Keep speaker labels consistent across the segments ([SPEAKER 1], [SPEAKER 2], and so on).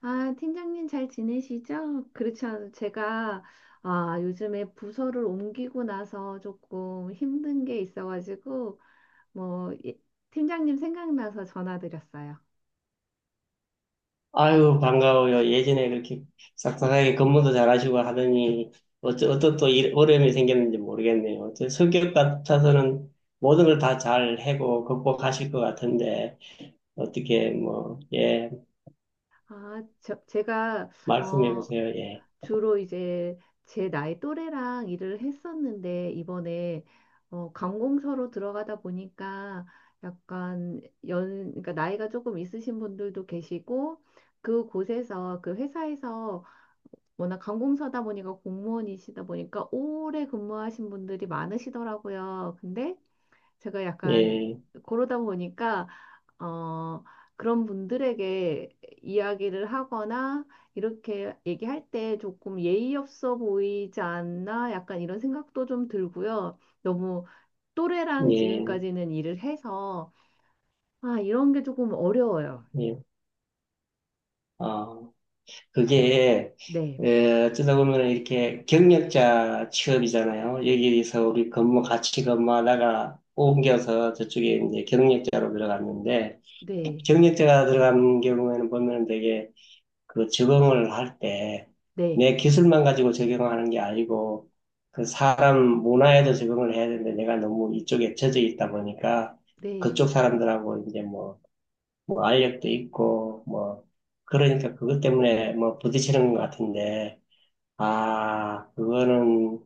[SPEAKER 1] 아, 팀장님 잘 지내시죠? 그렇지 않아도 제가 요즘에 부서를 옮기고 나서 조금 힘든 게 있어가지고 뭐 이- 팀장님 생각나서 전화드렸어요.
[SPEAKER 2] 아유, 반가워요. 예전에 그렇게 싹싹하게 근무도 잘하시고 하더니, 어떤 또 어려움이 생겼는지 모르겠네요. 저 성격 같아서는 모든 걸 다 잘 해고 극복하실 것 같은데, 어떻게, 뭐, 예,
[SPEAKER 1] 제가
[SPEAKER 2] 말씀해
[SPEAKER 1] 어,
[SPEAKER 2] 보세요. 예,
[SPEAKER 1] 주로 이제 제 나이 또래랑 일을 했었는데 이번에 관공서로 들어가다 보니까 약간 그러니까 나이가 조금 있으신 분들도 계시고 그 곳에서 그 회사에서 워낙 관공서다 보니까 공무원이시다 보니까 오래 근무하신 분들이 많으시더라고요. 근데 제가 약간
[SPEAKER 2] 예,
[SPEAKER 1] 그러다 보니까 어 그런 분들에게 이야기를 하거나 이렇게 얘기할 때 조금 예의 없어 보이지 않나 약간 이런 생각도 좀 들고요. 너무 또래랑
[SPEAKER 2] 예,
[SPEAKER 1] 지금까지는 일을 해서 아 이런 게 조금 어려워요.
[SPEAKER 2] 예, 어. 그게
[SPEAKER 1] 네,
[SPEAKER 2] 에, 어쩌다 보면 이렇게 경력자 취업이잖아요. 여기서 우리 근무 같이 근무하다가 옮겨서 저쪽에 이제 경력자로 들어갔는데,
[SPEAKER 1] 네,
[SPEAKER 2] 경력자가 들어간 경우에는 보면 되게 그 적응을 할 때
[SPEAKER 1] 네,
[SPEAKER 2] 내 기술만 가지고 적용하는 게 아니고 그 사람 문화에도 적응을 해야 되는데, 내가 너무 이쪽에 젖어 있다 보니까
[SPEAKER 1] 네.
[SPEAKER 2] 그쪽 사람들하고 이제 뭐 알력도 있고 뭐 그러니까 그것 때문에 뭐 부딪히는 것 같은데, 아 그거는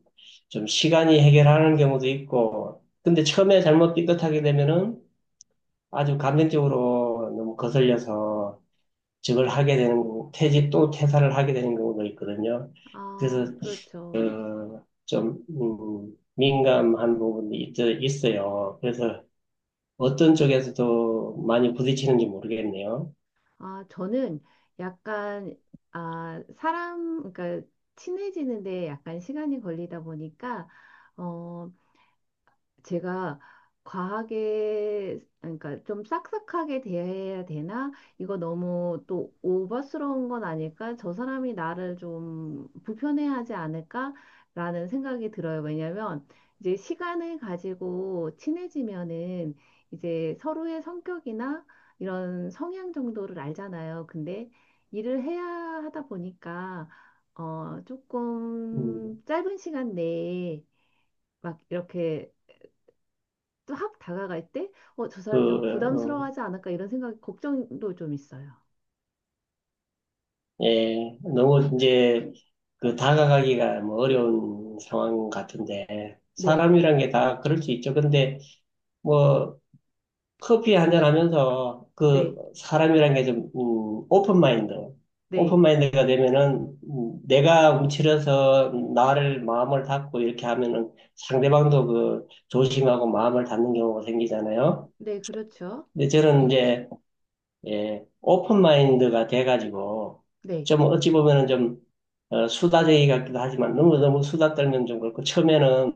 [SPEAKER 2] 좀 시간이 해결하는 경우도 있고, 근데 처음에 잘못 삐끗하게 되면은 아주 감정적으로 너무 거슬려서 저걸 퇴직 또 퇴사를 하게 되는 경우도 있거든요. 그래서
[SPEAKER 1] 아, 그렇죠.
[SPEAKER 2] 어, 좀 민감한 부분이 있어요. 그래서 어떤 쪽에서도 많이 부딪히는지 모르겠네요.
[SPEAKER 1] 아, 저는 약간, 그러니까 친해지는데 약간 시간이 걸리다 보니까, 어, 제가 과하게 그러니까 좀 싹싹하게 대해야 되나? 이거 너무 또 오버스러운 건 아닐까? 저 사람이 나를 좀 불편해하지 않을까라는 생각이 들어요. 왜냐면 이제 시간을 가지고 친해지면은 이제 서로의 성격이나 이런 성향 정도를 알잖아요. 근데 일을 해야 하다 보니까
[SPEAKER 2] 음.
[SPEAKER 1] 조금 짧은 시간 내에 막 이렇게 또 확 다가갈 때, 저
[SPEAKER 2] 그,
[SPEAKER 1] 사람이 좀
[SPEAKER 2] 어,
[SPEAKER 1] 부담스러워하지 않을까 이런 생각, 걱정도 좀 있어요.
[SPEAKER 2] 예, 너무 이제 그 다가가기가 뭐 어려운 상황 같은데,
[SPEAKER 1] 네,
[SPEAKER 2] 사람이란 게 다 그럴 수 있죠. 근데 뭐 커피 한잔 하면서, 그
[SPEAKER 1] 네,
[SPEAKER 2] 사람이란 게 좀, 오픈 마인드, 오픈
[SPEAKER 1] 네,
[SPEAKER 2] 마인드가 되면은, 내가 움츠려서 나를 마음을 닫고 이렇게 하면은 상대방도 그 조심하고 마음을 닫는 경우가 생기잖아요.
[SPEAKER 1] 네, 그렇죠.
[SPEAKER 2] 근데 저는 이제 예, 오픈 마인드가 돼가지고,
[SPEAKER 1] 네,
[SPEAKER 2] 좀 어찌 보면은 좀, 어, 수다쟁이 같기도 하지만, 너무 너무 수다 떨면 좀 그렇고, 처음에는,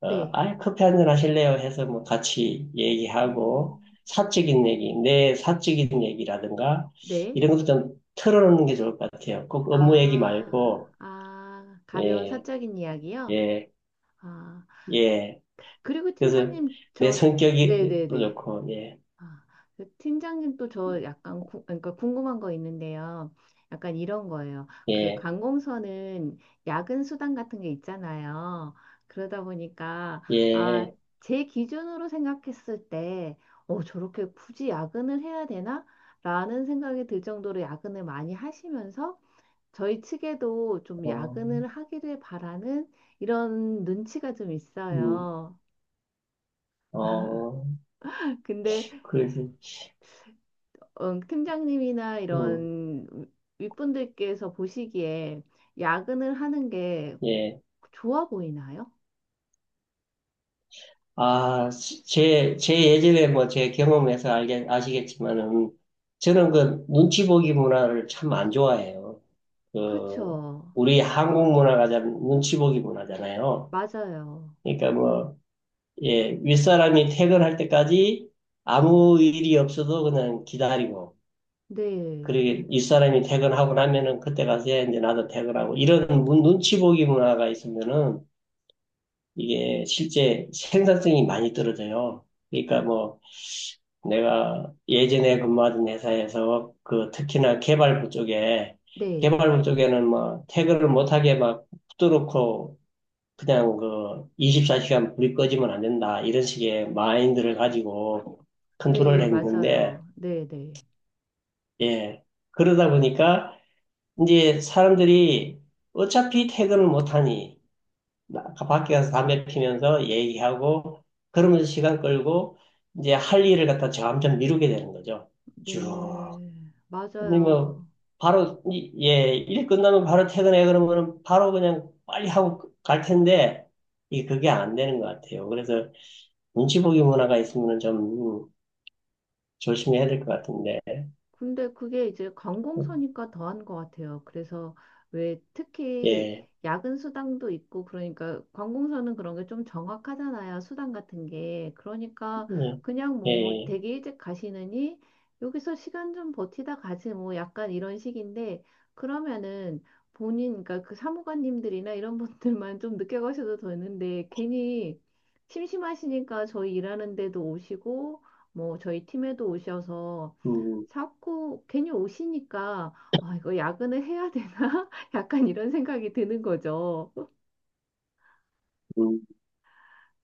[SPEAKER 2] 어,
[SPEAKER 1] 네,
[SPEAKER 2] 아이, 커피 한잔 하실래요? 해서 뭐 같이 얘기하고,
[SPEAKER 1] 음,
[SPEAKER 2] 사적인 얘기, 내 사적인 얘기라든가,
[SPEAKER 1] 네,
[SPEAKER 2] 이런 것도 좀 털어놓는 게 좋을 것 같아요. 꼭 업무 얘기
[SPEAKER 1] 아,
[SPEAKER 2] 말고,
[SPEAKER 1] 아, 가벼운
[SPEAKER 2] 예,
[SPEAKER 1] 사적인 이야기요.
[SPEAKER 2] 예,
[SPEAKER 1] 아,
[SPEAKER 2] 예.
[SPEAKER 1] 그리고
[SPEAKER 2] 그래서
[SPEAKER 1] 팀장님,
[SPEAKER 2] 내
[SPEAKER 1] 저, 네,
[SPEAKER 2] 성격이
[SPEAKER 1] 네,
[SPEAKER 2] 또
[SPEAKER 1] 네.
[SPEAKER 2] 좋고, 예,
[SPEAKER 1] 아, 그 팀장님 또 저 약간 그러니까 궁금한 거 있는데요. 약간 이런 거예요. 그
[SPEAKER 2] 예,
[SPEAKER 1] 관공서는 야근 수당 같은 게 있잖아요. 그러다 보니까 아,
[SPEAKER 2] 예,
[SPEAKER 1] 제 기준으로 생각했을 때 저렇게 굳이 야근을 해야 되나? 라는 생각이 들 정도로 야근을 많이 하시면서 저희 측에도 좀
[SPEAKER 2] 어,
[SPEAKER 1] 야근을 하기를 바라는 이런 눈치가 좀
[SPEAKER 2] 음,
[SPEAKER 1] 있어요.
[SPEAKER 2] 어.
[SPEAKER 1] 근데
[SPEAKER 2] 그래서
[SPEAKER 1] 팀장님이나
[SPEAKER 2] 음,
[SPEAKER 1] 이런 윗분들께서 보시기에 야근을 하는 게
[SPEAKER 2] 예.
[SPEAKER 1] 좋아 보이나요?
[SPEAKER 2] 아, 제 예전에 뭐 제 경험에서 알게, 아시겠지만은, 저는 그 눈치 보기 문화를 참 안 좋아해요. 그,
[SPEAKER 1] 그렇죠.
[SPEAKER 2] 우리 한국 문화가 참 눈치 보기 문화잖아요.
[SPEAKER 1] 맞아요.
[SPEAKER 2] 그러니까 뭐, 예, 윗사람이 퇴근할 때까지 아무 일이 없어도 그냥 기다리고,
[SPEAKER 1] 네.
[SPEAKER 2] 그리고 윗사람이 퇴근하고 나면은 그때 가서 이제 나도 퇴근하고, 이런 눈치 보기 문화가 있으면은, 이게 실제 생산성이 많이 떨어져요. 그러니까 뭐 내가 예전에 근무하던 회사에서 그 특히나 개발부 쪽에,
[SPEAKER 1] 네.
[SPEAKER 2] 개발부 쪽에는 뭐 태그를 못하게 막 붙들어놓고, 그냥 그 24시간 불이 꺼지면 안 된다 이런 식의 마인드를 가지고 컨트롤을
[SPEAKER 1] 네,
[SPEAKER 2] 했는데,
[SPEAKER 1] 맞아요. 네, 네.
[SPEAKER 2] 예, 그러다 보니까 이제 사람들이 어차피 퇴근을 못하니, 밖에 가서 담배 피면서 얘기하고 그러면서 시간 끌고, 이제 할 일을 갖다 점점 미루게 되는 거죠. 쭉.
[SPEAKER 1] 네,
[SPEAKER 2] 근데 뭐
[SPEAKER 1] 맞아요.
[SPEAKER 2] 바로 예, 일 끝나면 바로 퇴근해 그러면은 바로 그냥 빨리 하고 갈 텐데, 이게 그게 안 되는 것 같아요. 그래서 눈치 보기 문화가 있으면 좀 음, 조심해야 될 것 같은데. 예.
[SPEAKER 1] 근데 그게 이제 관공서니까 더한 것 같아요. 그래서 왜 특히
[SPEAKER 2] 예.
[SPEAKER 1] 야근 수당도 있고 그러니까 관공서는 그런 게 좀 정확하잖아요. 수당 같은 게. 그러니까 그냥
[SPEAKER 2] 예.
[SPEAKER 1] 뭐
[SPEAKER 2] 예.
[SPEAKER 1] 되게 일찍 가시느니 여기서 시간 좀 버티다 가지 뭐 약간 이런 식인데 그러면은 본인 그러니까 그 사무관님들이나 이런 분들만 좀 늦게 가셔도 되는데 괜히 심심하시니까 저희 일하는데도 오시고 뭐 저희 팀에도 오셔서
[SPEAKER 2] 음.
[SPEAKER 1] 자꾸 괜히 오시니까 아, 이거 야근을 해야 되나? 약간 이런 생각이 드는 거죠.
[SPEAKER 2] 음.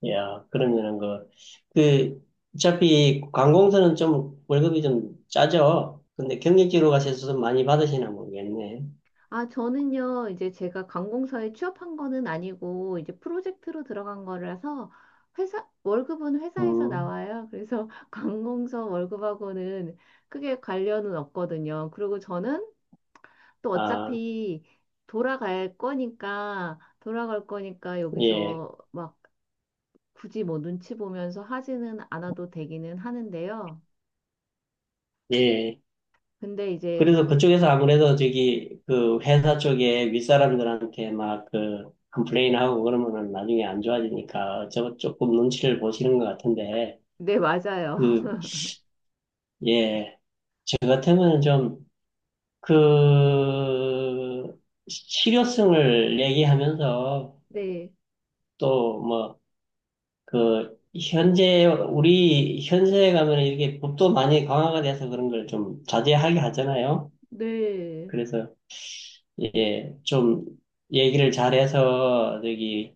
[SPEAKER 2] 야, 그러면은 그 그, 어차피 관공서는 좀 월급이 좀 짜죠. 근데 경력직으로 가셔서 좀 많이 받으시나 모르겠네.
[SPEAKER 1] 아, 저는요, 이제 제가 관공서에 취업한 거는 아니고 이제 프로젝트로 들어간 거라서 회사 월급은 회사에서
[SPEAKER 2] 음,
[SPEAKER 1] 나와요. 그래서 관공서 월급하고는 크게 관련은 없거든요. 그리고 저는 또
[SPEAKER 2] 아,
[SPEAKER 1] 어차피 돌아갈 거니까
[SPEAKER 2] 예,
[SPEAKER 1] 여기서 막 굳이 뭐 눈치 보면서 하지는 않아도 되기는 하는데요.
[SPEAKER 2] 예.
[SPEAKER 1] 근데 이제
[SPEAKER 2] 그래서 그쪽에서 아무래도 저기 그 회사 쪽에 윗사람들한테 막 그 컴플레인하고 그러면은 나중에 안 좋아지니까 저 조금 눈치를 보시는 것 같은데,
[SPEAKER 1] 네, 맞아요.
[SPEAKER 2] 그, 예. 저 같으면 좀 그, 실효성을 얘기하면서
[SPEAKER 1] 네.
[SPEAKER 2] 또 뭐 그 현재 우리 현세에 가면 이렇게 법도 많이 강화가 돼서 그런 걸 좀 자제하게 하잖아요.
[SPEAKER 1] 네.
[SPEAKER 2] 그래서 예, 좀 얘기를 잘해서 저기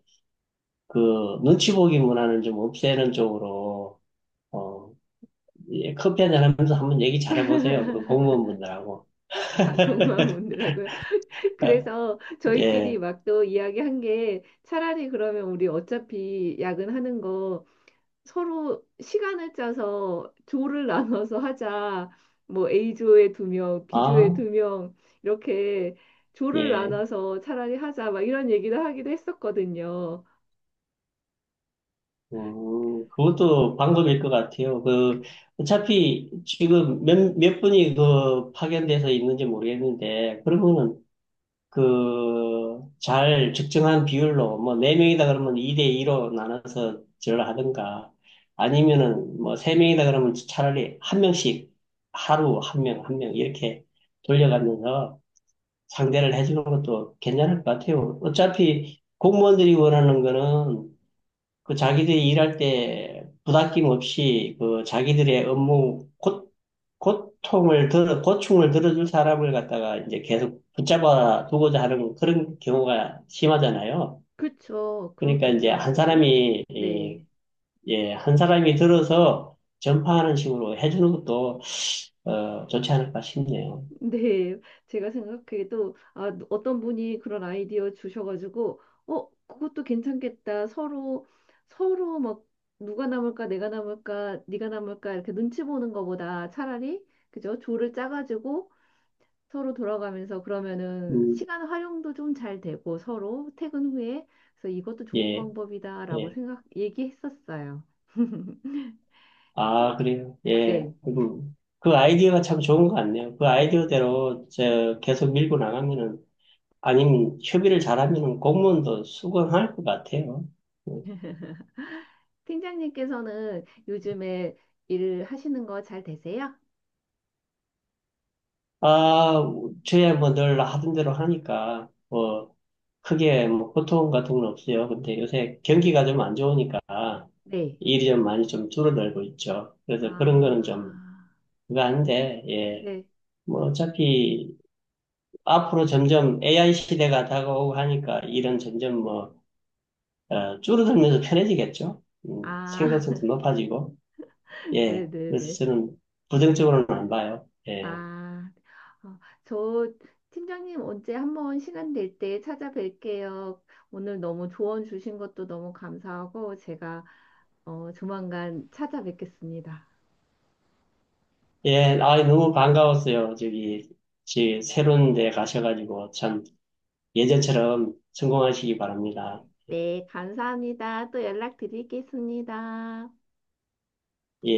[SPEAKER 2] 그 눈치 보기 문화는 좀 없애는 쪽으로, 어, 예, 커피 한잔 하면서 한번 얘기 잘해보세요. 그 공무원분들하고.
[SPEAKER 1] 아, 공허한 분들하고요. 그래서 저희끼리
[SPEAKER 2] 예.
[SPEAKER 1] 막 또 이야기한 게 차라리 그러면 우리 어차피 야근하는 거 서로 시간을 짜서 조를 나눠서 하자. 뭐 A조에 두 명, B조에 두
[SPEAKER 2] 아,
[SPEAKER 1] 명, 이렇게 조를
[SPEAKER 2] 예.
[SPEAKER 1] 나눠서 차라리 하자. 막 이런 얘기를 하기도 했었거든요.
[SPEAKER 2] 그것도 방법일 것 같아요. 그, 어차피 지금 몇 분이 그 파견돼서 있는지 모르겠는데, 그러면은 그, 잘 적정한 비율로, 뭐, 네명이다 그러면 2대2로 나눠서 전화하든가, 아니면은 뭐, 세명이다 그러면 차라리 한 명씩 하루 한 명, 한 명 이렇게 돌려가면서 상대를 해주는 것도 괜찮을 것 같아요. 어차피 공무원들이 원하는 거는 그 자기들이 일할 때 부닥김 없이 그 자기들의 업무 고충을 들어줄 사람을 갖다가 이제 계속 붙잡아 두고자 하는 그런 경우가 심하잖아요.
[SPEAKER 1] 그쵸.
[SPEAKER 2] 그러니까
[SPEAKER 1] 그렇겠죠.
[SPEAKER 2] 이제
[SPEAKER 1] 아무래도. 네.
[SPEAKER 2] 예, 한 사람이 들어서 전파하는 식으로 해주는 것도, 어, 좋지 않을까 싶네요.
[SPEAKER 1] 네, 제가 생각해도 아, 어떤 분이 그런 아이디어 주셔가지고 그것도 괜찮겠다 서로 막 누가 남을까 내가 남을까 네가 남을까 이렇게 눈치 보는 것보다 차라리 그죠 조를 짜가지고 서로 돌아가면서 그러면은
[SPEAKER 2] 음,
[SPEAKER 1] 시간 활용도 좀 잘 되고 서로 퇴근 후에 그래서 이것도 좋은
[SPEAKER 2] 예,
[SPEAKER 1] 방법이다라고
[SPEAKER 2] 예.
[SPEAKER 1] 생각 얘기했었어요.
[SPEAKER 2] 아, 그래요. 예.
[SPEAKER 1] 네,
[SPEAKER 2] 음. 그 아이디어가 참 좋은 것 같네요. 그
[SPEAKER 1] 네.
[SPEAKER 2] 아이디어대로 저 계속 밀고 나가면은, 아니면 협의를 잘하면 공무원도 수긍할 것 같아요.
[SPEAKER 1] 팀장님께서는 요즘에 일 하시는 거 잘 되세요?
[SPEAKER 2] 아, 저야 뭐 늘 하던 대로 하니까, 뭐, 크게 뭐 고통 같은 건 없어요. 근데 요새 경기가 좀 안 좋으니까
[SPEAKER 1] 네.
[SPEAKER 2] 일이 좀 많이 좀 줄어들고 있죠.
[SPEAKER 1] 아,
[SPEAKER 2] 그래서 그런 거는 좀 그거 닌데 예.
[SPEAKER 1] 네.
[SPEAKER 2] 뭐 어차피 앞으로 점점 AI 시대가 다가오고 하니까 일은 점점 뭐, 어, 줄어들면서 편해지겠죠.
[SPEAKER 1] 아,
[SPEAKER 2] 생산성도 높아지고. 예. 그래서
[SPEAKER 1] 네네네.
[SPEAKER 2] 저는 부정적으로는 안 봐요. 예.
[SPEAKER 1] 아, 어, 저 팀장님 언제 한번 시간 될 때 찾아뵐게요. 오늘 너무 조언 주신 것도 너무 감사하고 제가 조만간 찾아뵙겠습니다.
[SPEAKER 2] 예. 아, 너무 반가웠어요. 저기, 지 새로운 데 가셔가지고 참 예전처럼 성공하시기 바랍니다.
[SPEAKER 1] 네, 감사합니다. 또 연락드리겠습니다.
[SPEAKER 2] 예.